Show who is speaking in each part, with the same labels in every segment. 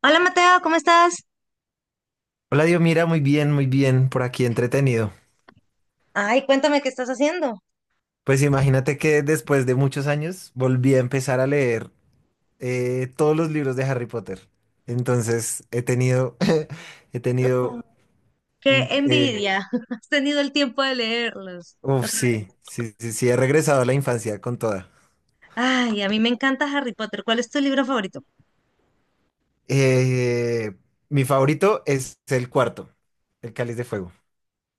Speaker 1: Hola Mateo, ¿cómo estás?
Speaker 2: Hola, Dios, mira, muy bien, por aquí entretenido.
Speaker 1: Ay, cuéntame qué estás haciendo.
Speaker 2: Pues imagínate que después de muchos años volví a empezar a leer todos los libros de Harry Potter. Entonces he tenido, mm,
Speaker 1: Qué envidia. Has tenido el tiempo de leerlos.
Speaker 2: uf,
Speaker 1: Otra vez.
Speaker 2: sí, sí, sí, sí, he regresado a la infancia con toda.
Speaker 1: Ay, a mí me encanta Harry Potter. ¿Cuál es tu libro favorito?
Speaker 2: Eh, Mi favorito es el cuarto, el Cáliz de Fuego.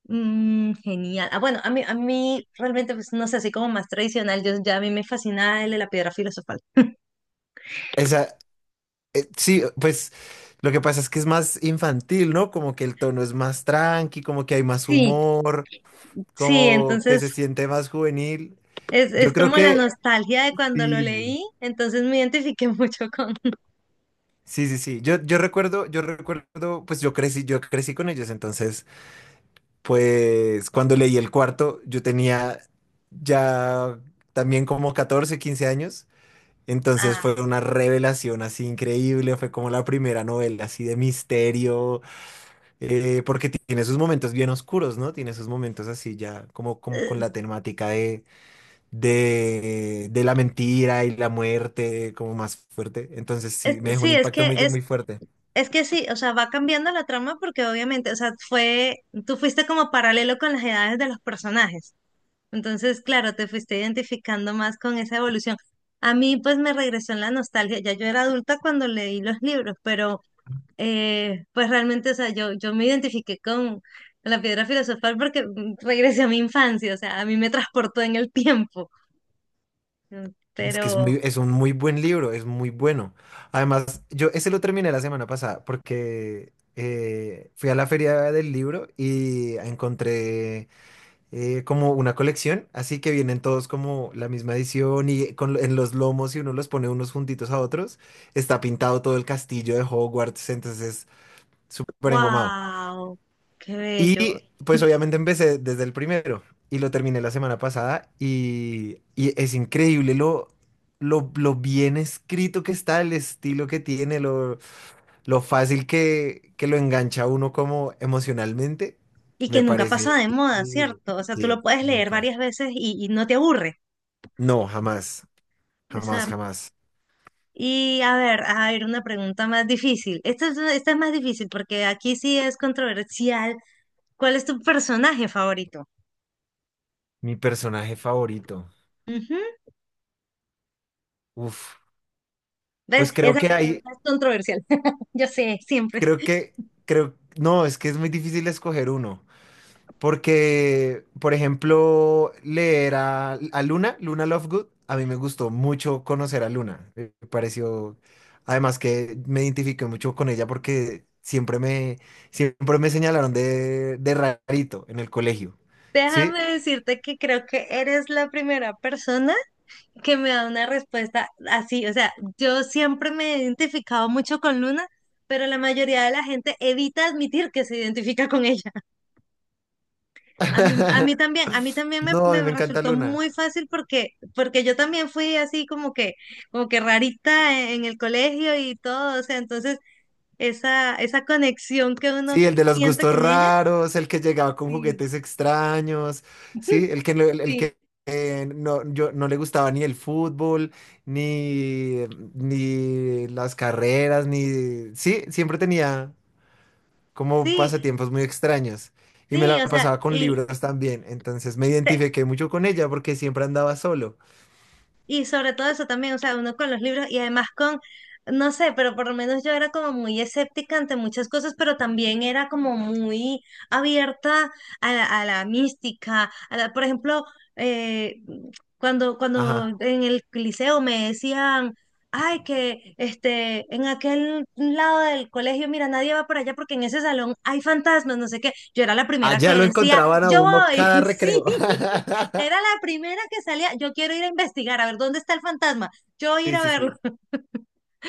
Speaker 1: Mm, genial. Ah, bueno, a mí realmente, pues no sé, así como más tradicional, yo, ya a mí me fascina el de la piedra filosofal.
Speaker 2: Esa, sí, pues lo que pasa es que es más infantil, ¿no? Como que el tono es más tranqui, como que hay más
Speaker 1: Sí,
Speaker 2: humor.
Speaker 1: sí,
Speaker 2: Como que se
Speaker 1: entonces
Speaker 2: siente más juvenil.
Speaker 1: es,
Speaker 2: Yo
Speaker 1: es
Speaker 2: creo
Speaker 1: como la
Speaker 2: que
Speaker 1: nostalgia de cuando lo
Speaker 2: sí,
Speaker 1: leí, entonces me identifiqué mucho con...
Speaker 2: sí, sí, sí. Yo recuerdo, pues yo crecí con ellos, entonces, pues cuando leí el cuarto, yo tenía ya también como 14 15 años, entonces fue
Speaker 1: Ah,
Speaker 2: una revelación así increíble, fue como la primera novela así de misterio, porque tiene sus momentos bien oscuros, ¿no? Tiene sus momentos así ya como, como con la temática de la mentira y la muerte como más fuerte. Entonces sí, me dejó un
Speaker 1: sí,
Speaker 2: impacto muy, muy fuerte.
Speaker 1: Es que sí, o sea, va cambiando la trama porque obviamente, o sea, tú fuiste como paralelo con las edades de los personajes. Entonces, claro, te fuiste identificando más con esa evolución. A mí, pues, me regresó en la nostalgia. Ya yo era adulta cuando leí los libros, pero, pues, realmente, o sea, yo me identifiqué con la piedra filosofal porque regresé a mi infancia, o sea, a mí me transportó en el tiempo. Mm. Pero,
Speaker 2: Es un muy buen libro, es muy bueno. Además, yo ese lo terminé la semana pasada porque fui a la feria del libro y encontré como una colección, así que vienen todos como la misma edición y con, en los lomos y uno los pone unos juntitos a otros. Está pintado todo el castillo de Hogwarts, entonces es súper engomado.
Speaker 1: wow, qué bello.
Speaker 2: Y pues obviamente empecé desde el primero y lo terminé la semana pasada y es increíble lo bien escrito que está, el estilo que tiene, lo fácil que lo engancha a uno como emocionalmente.
Speaker 1: Y que
Speaker 2: Me
Speaker 1: nunca pasa
Speaker 2: parece
Speaker 1: de moda,
Speaker 2: increíble.
Speaker 1: ¿cierto? O sea, tú lo
Speaker 2: Sí,
Speaker 1: puedes leer
Speaker 2: nunca.
Speaker 1: varias veces y no te aburre.
Speaker 2: No, jamás,
Speaker 1: O sea,
Speaker 2: jamás, jamás.
Speaker 1: y a ver, una pregunta más difícil. Esta es más difícil porque aquí sí es controversial. ¿Cuál es tu personaje favorito?
Speaker 2: Mi personaje favorito.
Speaker 1: Ujú.
Speaker 2: Uf,
Speaker 1: ¿Ves?
Speaker 2: pues creo
Speaker 1: Esa
Speaker 2: que hay,
Speaker 1: pregunta es controversial. Yo sé, siempre.
Speaker 2: creo que, Creo, no, es que es muy difícil escoger uno. Porque, por ejemplo, leer a Luna, Luna Lovegood, a mí me gustó mucho conocer a Luna. Me pareció, además que me identifiqué mucho con ella porque siempre me señalaron de rarito en el colegio. ¿Sí?
Speaker 1: Déjame decirte que creo que eres la primera persona que me da una respuesta así. O sea, yo siempre me he identificado mucho con Luna, pero la mayoría de la gente evita admitir que se identifica con ella. A mí también, a mí también me,
Speaker 2: No, a mí
Speaker 1: me
Speaker 2: me encanta
Speaker 1: resultó
Speaker 2: Luna.
Speaker 1: muy fácil porque yo también fui así como que rarita en el colegio y todo. O sea, entonces esa conexión que uno
Speaker 2: Sí, el de los
Speaker 1: siente
Speaker 2: gustos
Speaker 1: con ella.
Speaker 2: raros, el que llegaba con
Speaker 1: Sí,
Speaker 2: juguetes extraños, sí, el que, no- el, el
Speaker 1: sí.
Speaker 2: que no, no le gustaba ni el fútbol, ni, ni las carreras, ni... Sí, siempre tenía como
Speaker 1: Sí,
Speaker 2: pasatiempos muy extraños y me
Speaker 1: sí,
Speaker 2: la
Speaker 1: o sea.
Speaker 2: pasaba con libros también, entonces me identifiqué mucho con ella porque siempre andaba solo.
Speaker 1: Y sobre todo eso también, o sea, uno con los libros y además con, no sé, pero por lo menos yo era como muy escéptica ante muchas cosas, pero también era como muy abierta a la mística, por ejemplo, eh, cuando
Speaker 2: Ajá.
Speaker 1: en el liceo me decían, ay, que en aquel lado del colegio, mira, nadie va por allá porque en ese salón hay fantasmas, no sé qué, yo era la primera
Speaker 2: Allá
Speaker 1: que
Speaker 2: lo
Speaker 1: decía,
Speaker 2: encontraban a
Speaker 1: yo
Speaker 2: uno
Speaker 1: voy,
Speaker 2: cada
Speaker 1: sí.
Speaker 2: recreo.
Speaker 1: Era la primera que salía. Yo quiero ir a investigar, a ver dónde está el fantasma. Yo voy a ir
Speaker 2: Sí,
Speaker 1: a
Speaker 2: sí,
Speaker 1: verlo.
Speaker 2: sí.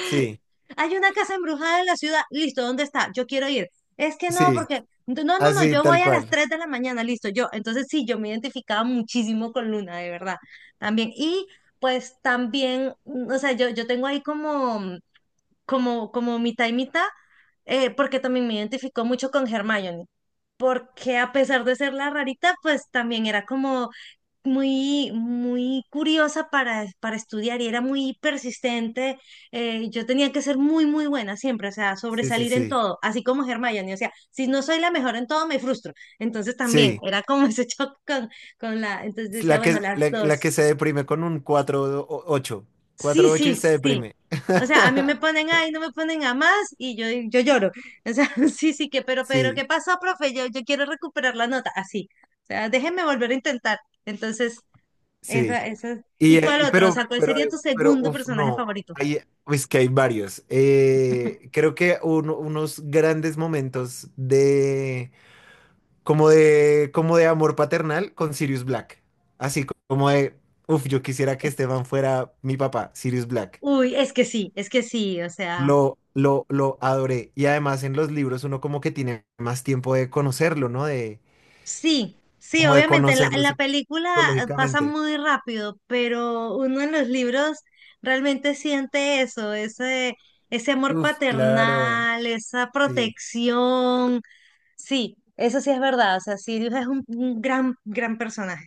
Speaker 2: Sí,
Speaker 1: Hay una casa embrujada en la ciudad. Listo, ¿dónde está? Yo quiero ir. Es que no,
Speaker 2: sí,
Speaker 1: porque no, no, no,
Speaker 2: así,
Speaker 1: yo voy
Speaker 2: tal
Speaker 1: a las
Speaker 2: cual.
Speaker 1: 3 de la mañana, listo, yo. Entonces sí, yo me identificaba muchísimo con Luna, de verdad. También. Y pues también, o sea, yo tengo ahí como, como mitad y mitad, porque también me identificó mucho con Hermione porque a pesar de ser la rarita, pues también era como muy, muy curiosa para estudiar y era muy persistente. Yo tenía que ser muy, muy buena siempre, o sea,
Speaker 2: Sí, sí,
Speaker 1: sobresalir en
Speaker 2: sí.
Speaker 1: todo, así como Hermione, o sea, si no soy la mejor en todo, me frustro. Entonces también
Speaker 2: Sí,
Speaker 1: era como ese choque entonces decía,
Speaker 2: la
Speaker 1: bueno,
Speaker 2: que,
Speaker 1: las
Speaker 2: la, la
Speaker 1: dos.
Speaker 2: que se deprime con un 4,8,
Speaker 1: Sí,
Speaker 2: y
Speaker 1: sí,
Speaker 2: se
Speaker 1: sí.
Speaker 2: deprime.
Speaker 1: O sea, a mí me ponen ahí, no me ponen a más y yo lloro. O sea, sí, sí, que, pero, ¿qué
Speaker 2: Sí,
Speaker 1: pasó, profe? Yo quiero recuperar la nota, así. O sea, déjenme volver a intentar. Entonces,
Speaker 2: sí.
Speaker 1: esa. ¿Y cuál otro? O sea, ¿cuál sería tu segundo personaje
Speaker 2: No.
Speaker 1: favorito?
Speaker 2: Hay, es que hay varios. Creo que unos grandes momentos como de amor paternal con Sirius Black. Así co- como de, uf, Yo quisiera que
Speaker 1: Es-
Speaker 2: Esteban fuera mi papá, Sirius Black.
Speaker 1: uy, es que sí, o sea.
Speaker 2: Lo adoré. Y además en los libros uno como que tiene más tiempo de conocerlo, ¿no? De
Speaker 1: Sí, sí,
Speaker 2: como de
Speaker 1: obviamente, en la, en
Speaker 2: conocerlo
Speaker 1: la película pasa
Speaker 2: psicológicamente.
Speaker 1: muy rápido, pero uno en los libros realmente siente eso, ese amor
Speaker 2: Uf, claro,
Speaker 1: paternal, esa
Speaker 2: sí.
Speaker 1: protección. Sí, eso sí es verdad, o sea, Sirius es un gran, gran personaje.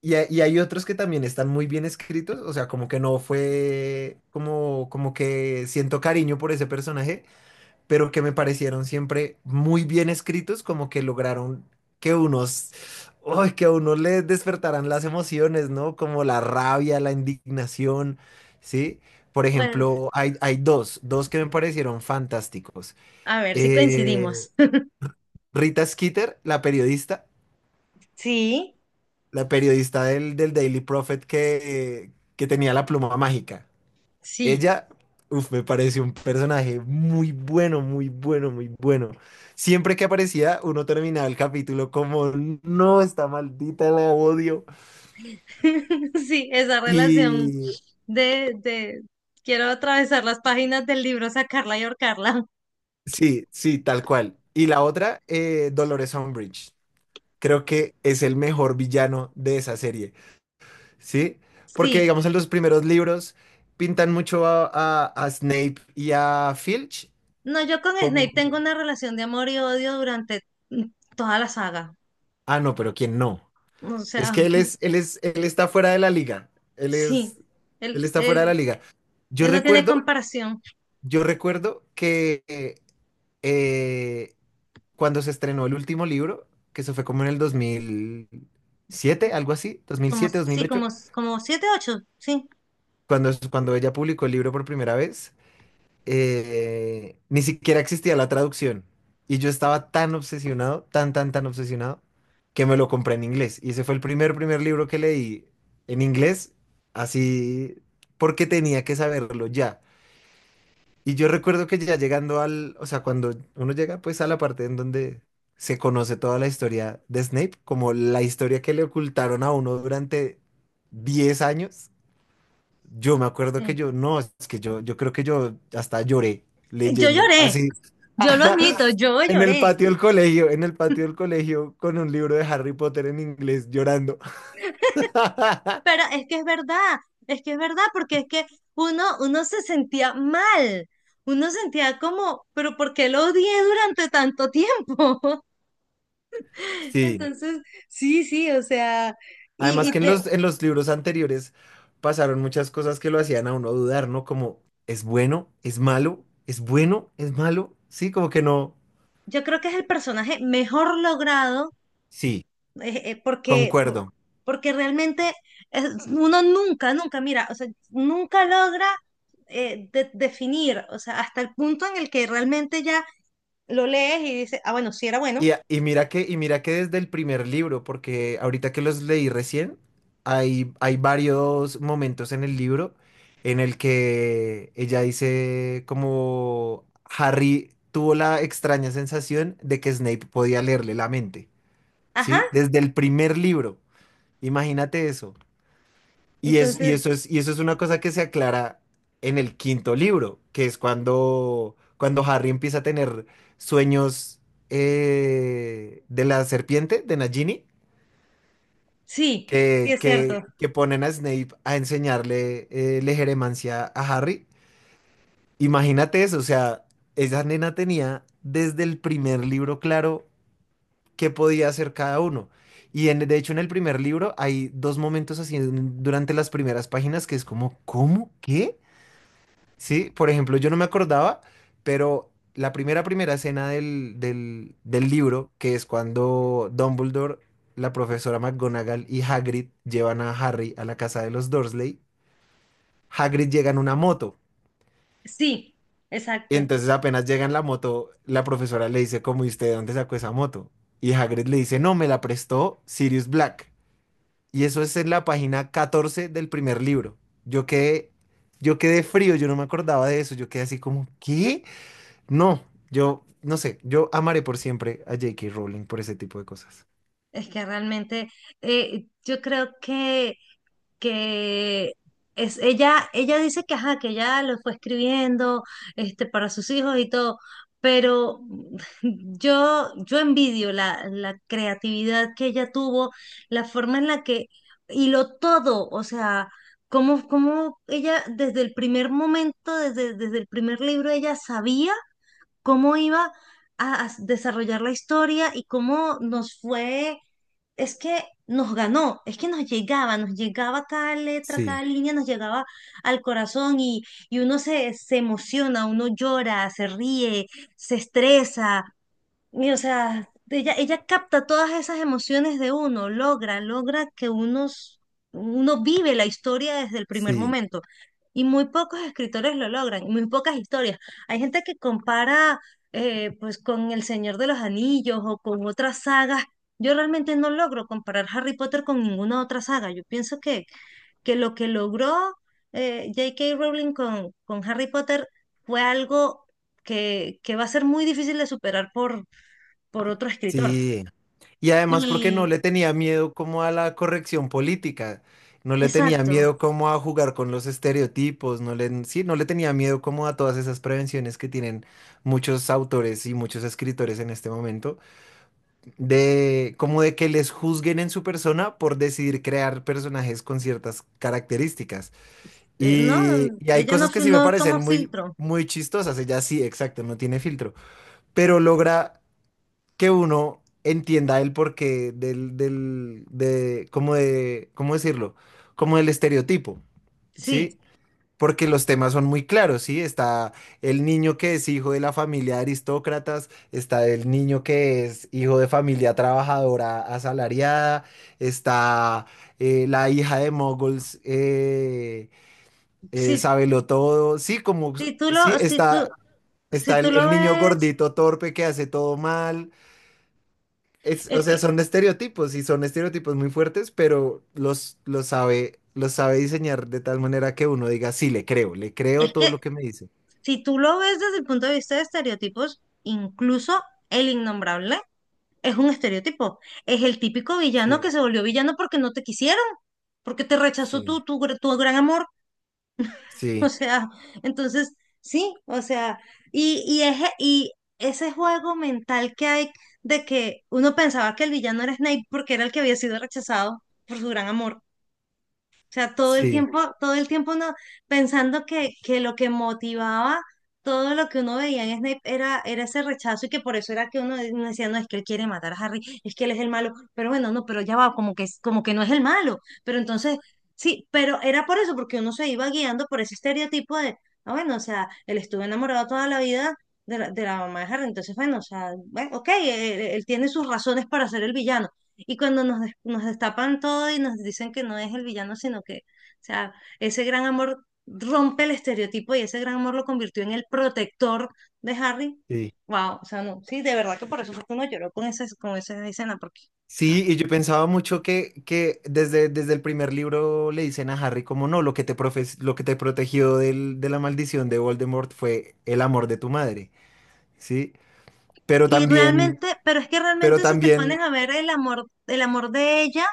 Speaker 2: Y hay otros que también están muy bien escritos, o sea, como que no fue, como, como que siento cariño por ese personaje, pero que me parecieron siempre muy bien escritos, como que lograron que unos, ¡ay! Que a uno le despertaran las emociones, ¿no? Como la rabia, la indignación, ¿sí? Por
Speaker 1: Pues,
Speaker 2: ejemplo, hay dos que me parecieron fantásticos.
Speaker 1: a ver si
Speaker 2: Eh,
Speaker 1: coincidimos.
Speaker 2: Rita Skeeter, la periodista,
Speaker 1: Sí,
Speaker 2: del Daily Prophet que tenía la pluma mágica.
Speaker 1: sí,
Speaker 2: Ella, Me pareció un personaje muy bueno, muy bueno, muy bueno. Siempre que aparecía, uno terminaba el capítulo como, no, está maldita, la odio.
Speaker 1: sí, esa relación
Speaker 2: Y
Speaker 1: de quiero atravesar las páginas del libro, sacarla y ahorcarla.
Speaker 2: sí, sí, tal cual. Y la otra, Dolores Umbridge. Creo que es el mejor villano de esa serie, ¿sí? Porque,
Speaker 1: Sí.
Speaker 2: digamos, en los primeros libros pintan mucho a Snape y a Filch
Speaker 1: No, yo con
Speaker 2: como...
Speaker 1: Snape tengo una relación de amor y odio durante mm, toda la saga.
Speaker 2: Ah, no, pero ¿quién no?
Speaker 1: O
Speaker 2: Es que
Speaker 1: sea,
Speaker 2: él es, él es, Él está fuera de la liga. Él
Speaker 1: sí,
Speaker 2: es, Él
Speaker 1: él,
Speaker 2: está fuera de
Speaker 1: él,
Speaker 2: la liga. Yo
Speaker 1: él no tiene
Speaker 2: recuerdo,
Speaker 1: comparación.
Speaker 2: yo recuerdo que eh, cuando se estrenó el último libro, que se fue como en el 2007, algo así, dos mil
Speaker 1: Como,
Speaker 2: siete, dos mil
Speaker 1: sí,
Speaker 2: ocho,
Speaker 1: como siete, ocho, sí.
Speaker 2: cuando ella publicó el libro por primera vez, ni siquiera existía la traducción. Y yo estaba tan obsesionado, tan, tan, tan obsesionado, que me lo compré en inglés. Y ese fue el primer libro que leí en inglés, así porque tenía que saberlo ya. Y yo recuerdo que ya llegando al, o sea, cuando uno llega pues a la parte en donde se conoce toda la historia de Snape, como la historia que le ocultaron a uno durante 10 años. Yo me acuerdo
Speaker 1: Sí.
Speaker 2: que yo, no, es que yo creo que yo hasta lloré
Speaker 1: Yo
Speaker 2: leyendo,
Speaker 1: lloré,
Speaker 2: así,
Speaker 1: yo lo admito, yo
Speaker 2: en el
Speaker 1: lloré.
Speaker 2: patio del colegio, en el patio del colegio, con un libro de Harry Potter en inglés, llorando.
Speaker 1: Pero es que es verdad, es que es verdad, porque es que uno se sentía mal. Uno sentía como, pero ¿por qué lo odié durante tanto tiempo?
Speaker 2: Sí.
Speaker 1: Entonces, sí, sí, o sea, y,
Speaker 2: Además
Speaker 1: y,
Speaker 2: que
Speaker 1: de-
Speaker 2: en los libros anteriores pasaron muchas cosas que lo hacían a uno dudar, ¿no? Como, ¿es bueno? ¿Es malo? ¿Es bueno? ¿Es malo? Sí, como que no.
Speaker 1: yo creo que es el personaje mejor logrado,
Speaker 2: Sí,
Speaker 1: eh, eh, porque,
Speaker 2: concuerdo.
Speaker 1: porque realmente uno nunca, nunca, mira, o sea, nunca logra definir, o sea, hasta el punto en el que realmente ya lo lees y dices, ah, bueno, sí era bueno,
Speaker 2: Y y mira que desde el primer libro, porque ahorita que los leí recién, hay varios momentos en el libro en el que ella dice como Harry tuvo la extraña sensación de que Snape podía leerle la mente,
Speaker 1: ajá,
Speaker 2: ¿sí? Desde el primer libro, imagínate eso.
Speaker 1: entonces,
Speaker 2: Y eso es una cosa que se aclara en el quinto libro, que es cuando Harry empieza a tener sueños de la serpiente, de Nagini,
Speaker 1: sí, sí es cierto,
Speaker 2: que ponen a Snape a enseñarle legeremancia a Harry. Imagínate eso, o sea, esa nena tenía desde el primer libro claro qué podía hacer cada uno. Y de hecho en el primer libro hay dos momentos así durante las primeras páginas que es como, ¿cómo? ¿Qué? Sí, por ejemplo, yo no me acordaba, pero la primera escena del libro, que es cuando Dumbledore, la profesora McGonagall y Hagrid llevan a Harry a la casa de los Dursley, Hagrid llega en una moto.
Speaker 1: sí, exacto.
Speaker 2: Entonces apenas llega en la moto, la profesora le dice, como, ¿y usted de dónde sacó esa moto? Y Hagrid le dice, no, me la prestó Sirius Black. Y eso es en la página 14 del primer libro. Yo quedé, yo quedé frío, yo no me acordaba de eso, yo quedé así como, ¿qué? No, yo, no sé, yo amaré por siempre a J.K. Rowling por ese tipo de cosas.
Speaker 1: Es que realmente yo creo que es ella dice que ajá, que ya lo fue escribiendo para sus hijos y todo, pero yo envidio la creatividad que ella tuvo, la forma en la que hiló todo, o sea, cómo ella desde el primer momento, desde el primer libro, ella sabía cómo iba a desarrollar la historia y cómo nos fue, es que nos ganó, es que nos llegaba cada letra, cada
Speaker 2: Sí,
Speaker 1: línea, nos llegaba al corazón y uno se emociona, uno llora, se ríe, se estresa, y o sea, ella capta todas esas emociones de uno, logra que uno vive la historia desde el primer
Speaker 2: sí,
Speaker 1: momento. Y muy pocos escritores lo logran, y muy pocas historias. Hay gente que compara pues con El Señor de los Anillos o con otras sagas. Yo realmente no logro comparar Harry Potter con ninguna otra saga. Yo pienso que lo que logró J.K. Rowling con Harry Potter fue algo que va a ser muy difícil de superar por otro escritor.
Speaker 2: sí. Y además porque
Speaker 1: Y
Speaker 2: no le tenía miedo como a la corrección política, no le tenía
Speaker 1: exacto,
Speaker 2: miedo como a jugar con los estereotipos, no le tenía miedo como a todas esas prevenciones que tienen muchos autores y muchos escritores en este momento, de como de que les juzguen en su persona por decidir crear personajes con ciertas características.
Speaker 1: no,
Speaker 2: Y hay
Speaker 1: ya no,
Speaker 2: cosas que sí me
Speaker 1: no
Speaker 2: parecen
Speaker 1: tomo
Speaker 2: muy,
Speaker 1: filtro.
Speaker 2: muy chistosas. Ella sí, exacto, no tiene filtro. Pero logra que uno entienda el porqué de, como de, ¿cómo decirlo? Como del estereotipo,
Speaker 1: Sí,
Speaker 2: ¿sí? Porque los temas son muy claros, ¿sí? Está el niño que es hijo de la familia de aristócratas, está el niño que es hijo de familia trabajadora asalariada, está la hija de moguls,
Speaker 1: sí,
Speaker 2: sábelo todo. Sí, como,
Speaker 1: si tú lo,
Speaker 2: sí,
Speaker 1: si tú,
Speaker 2: está,
Speaker 1: si
Speaker 2: está
Speaker 1: tú
Speaker 2: el,
Speaker 1: lo
Speaker 2: el niño
Speaker 1: ves,
Speaker 2: gordito torpe que hace todo mal. Es, o
Speaker 1: es
Speaker 2: sea,
Speaker 1: que,
Speaker 2: son estereotipos y son estereotipos muy fuertes, pero los sabe diseñar de tal manera que uno diga, sí, le creo
Speaker 1: es
Speaker 2: todo
Speaker 1: que
Speaker 2: lo que me dice.
Speaker 1: si tú lo ves desde el punto de vista de estereotipos, incluso el innombrable es un estereotipo. Es el típico villano
Speaker 2: Sí,
Speaker 1: que se volvió villano porque no te quisieron, porque te rechazó
Speaker 2: sí,
Speaker 1: tu gran amor. O
Speaker 2: sí,
Speaker 1: sea, entonces, sí, o sea, y ese juego mental que hay de que uno pensaba que el villano era Snape porque era el que había sido rechazado por su gran amor. O sea,
Speaker 2: sí,
Speaker 1: todo el tiempo no, pensando que lo que motivaba todo lo que uno veía en Snape era ese rechazo y que por eso era que uno decía, no, es que él quiere matar a Harry, es que él es el malo, pero bueno, no, pero ya va, como que no es el malo. Pero entonces, sí, pero era por eso, porque uno se iba guiando por ese estereotipo de, ah, bueno, o sea, él estuvo enamorado toda la vida. De la mamá de Harry, entonces, bueno, o sea, bueno, ok, él tiene sus razones para ser el villano y cuando nos destapan todo y nos dicen que no es el villano, sino que, o sea, ese gran amor rompe el estereotipo y ese gran amor lo convirtió en el protector de Harry.
Speaker 2: sí.
Speaker 1: Wow, o sea, no, sí, de verdad que por eso fue que uno lloró con esa escena, porque, o sea,
Speaker 2: Sí, y yo pensaba mucho que desde el primer libro le dicen a Harry como no, lo que te protegió de la maldición de Voldemort fue el amor de tu madre. ¿Sí? Pero
Speaker 1: y
Speaker 2: también,
Speaker 1: realmente, pero es que
Speaker 2: pero
Speaker 1: realmente si te
Speaker 2: también
Speaker 1: pones a ver el amor de ella,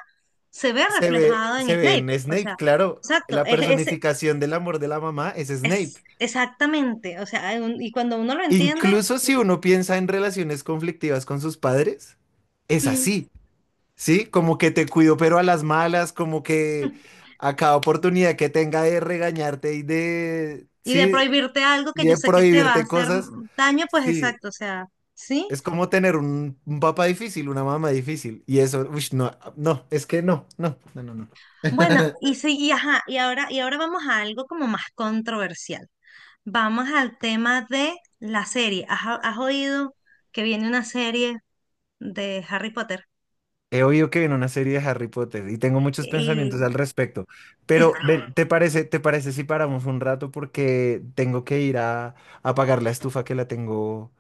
Speaker 1: se ve reflejado en
Speaker 2: se ve
Speaker 1: Snape,
Speaker 2: en
Speaker 1: o
Speaker 2: Snape,
Speaker 1: sea,
Speaker 2: claro,
Speaker 1: exacto,
Speaker 2: la
Speaker 1: es,
Speaker 2: personificación del amor de la mamá es
Speaker 1: es
Speaker 2: Snape.
Speaker 1: exactamente, o sea, hay y cuando uno lo entiende.
Speaker 2: Incluso si uno piensa en relaciones conflictivas con sus padres, es
Speaker 1: mm,
Speaker 2: así, ¿sí? Como que te cuido, pero a las malas, como que a cada oportunidad que tenga de regañarte y de,
Speaker 1: Y de
Speaker 2: sí,
Speaker 1: prohibirte algo que
Speaker 2: y
Speaker 1: yo
Speaker 2: de
Speaker 1: sé que te va a
Speaker 2: prohibirte
Speaker 1: hacer
Speaker 2: cosas,
Speaker 1: daño, pues
Speaker 2: sí.
Speaker 1: exacto, o sea, ¿sí?
Speaker 2: Es como tener un papá difícil, una mamá difícil. Y eso, uy, no, no, es que no, no, no, no, no.
Speaker 1: Bueno, y sí, y ajá, y ahora vamos a algo como más controversial. Vamos al tema de la serie. ¿Has oído que viene una serie de Harry Potter?
Speaker 2: He oído que viene una serie de Harry Potter y tengo muchos pensamientos
Speaker 1: Y,
Speaker 2: al respecto. Pero ven, ¿te parece si paramos un rato? Porque tengo que ir a apagar la estufa que la tengo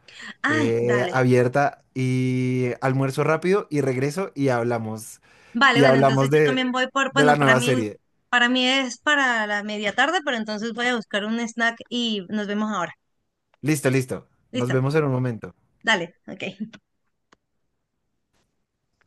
Speaker 1: ay, dale.
Speaker 2: abierta y almuerzo rápido y regreso y hablamos.
Speaker 1: Vale,
Speaker 2: Y
Speaker 1: bueno, entonces
Speaker 2: hablamos
Speaker 1: yo
Speaker 2: de,
Speaker 1: también voy por,
Speaker 2: de
Speaker 1: bueno,
Speaker 2: la
Speaker 1: para
Speaker 2: nueva
Speaker 1: mí,
Speaker 2: serie.
Speaker 1: para mí es para la media tarde, pero entonces voy a buscar un snack y nos vemos ahora.
Speaker 2: Listo, listo. Nos
Speaker 1: Listo,
Speaker 2: vemos en un momento.
Speaker 1: dale, ok.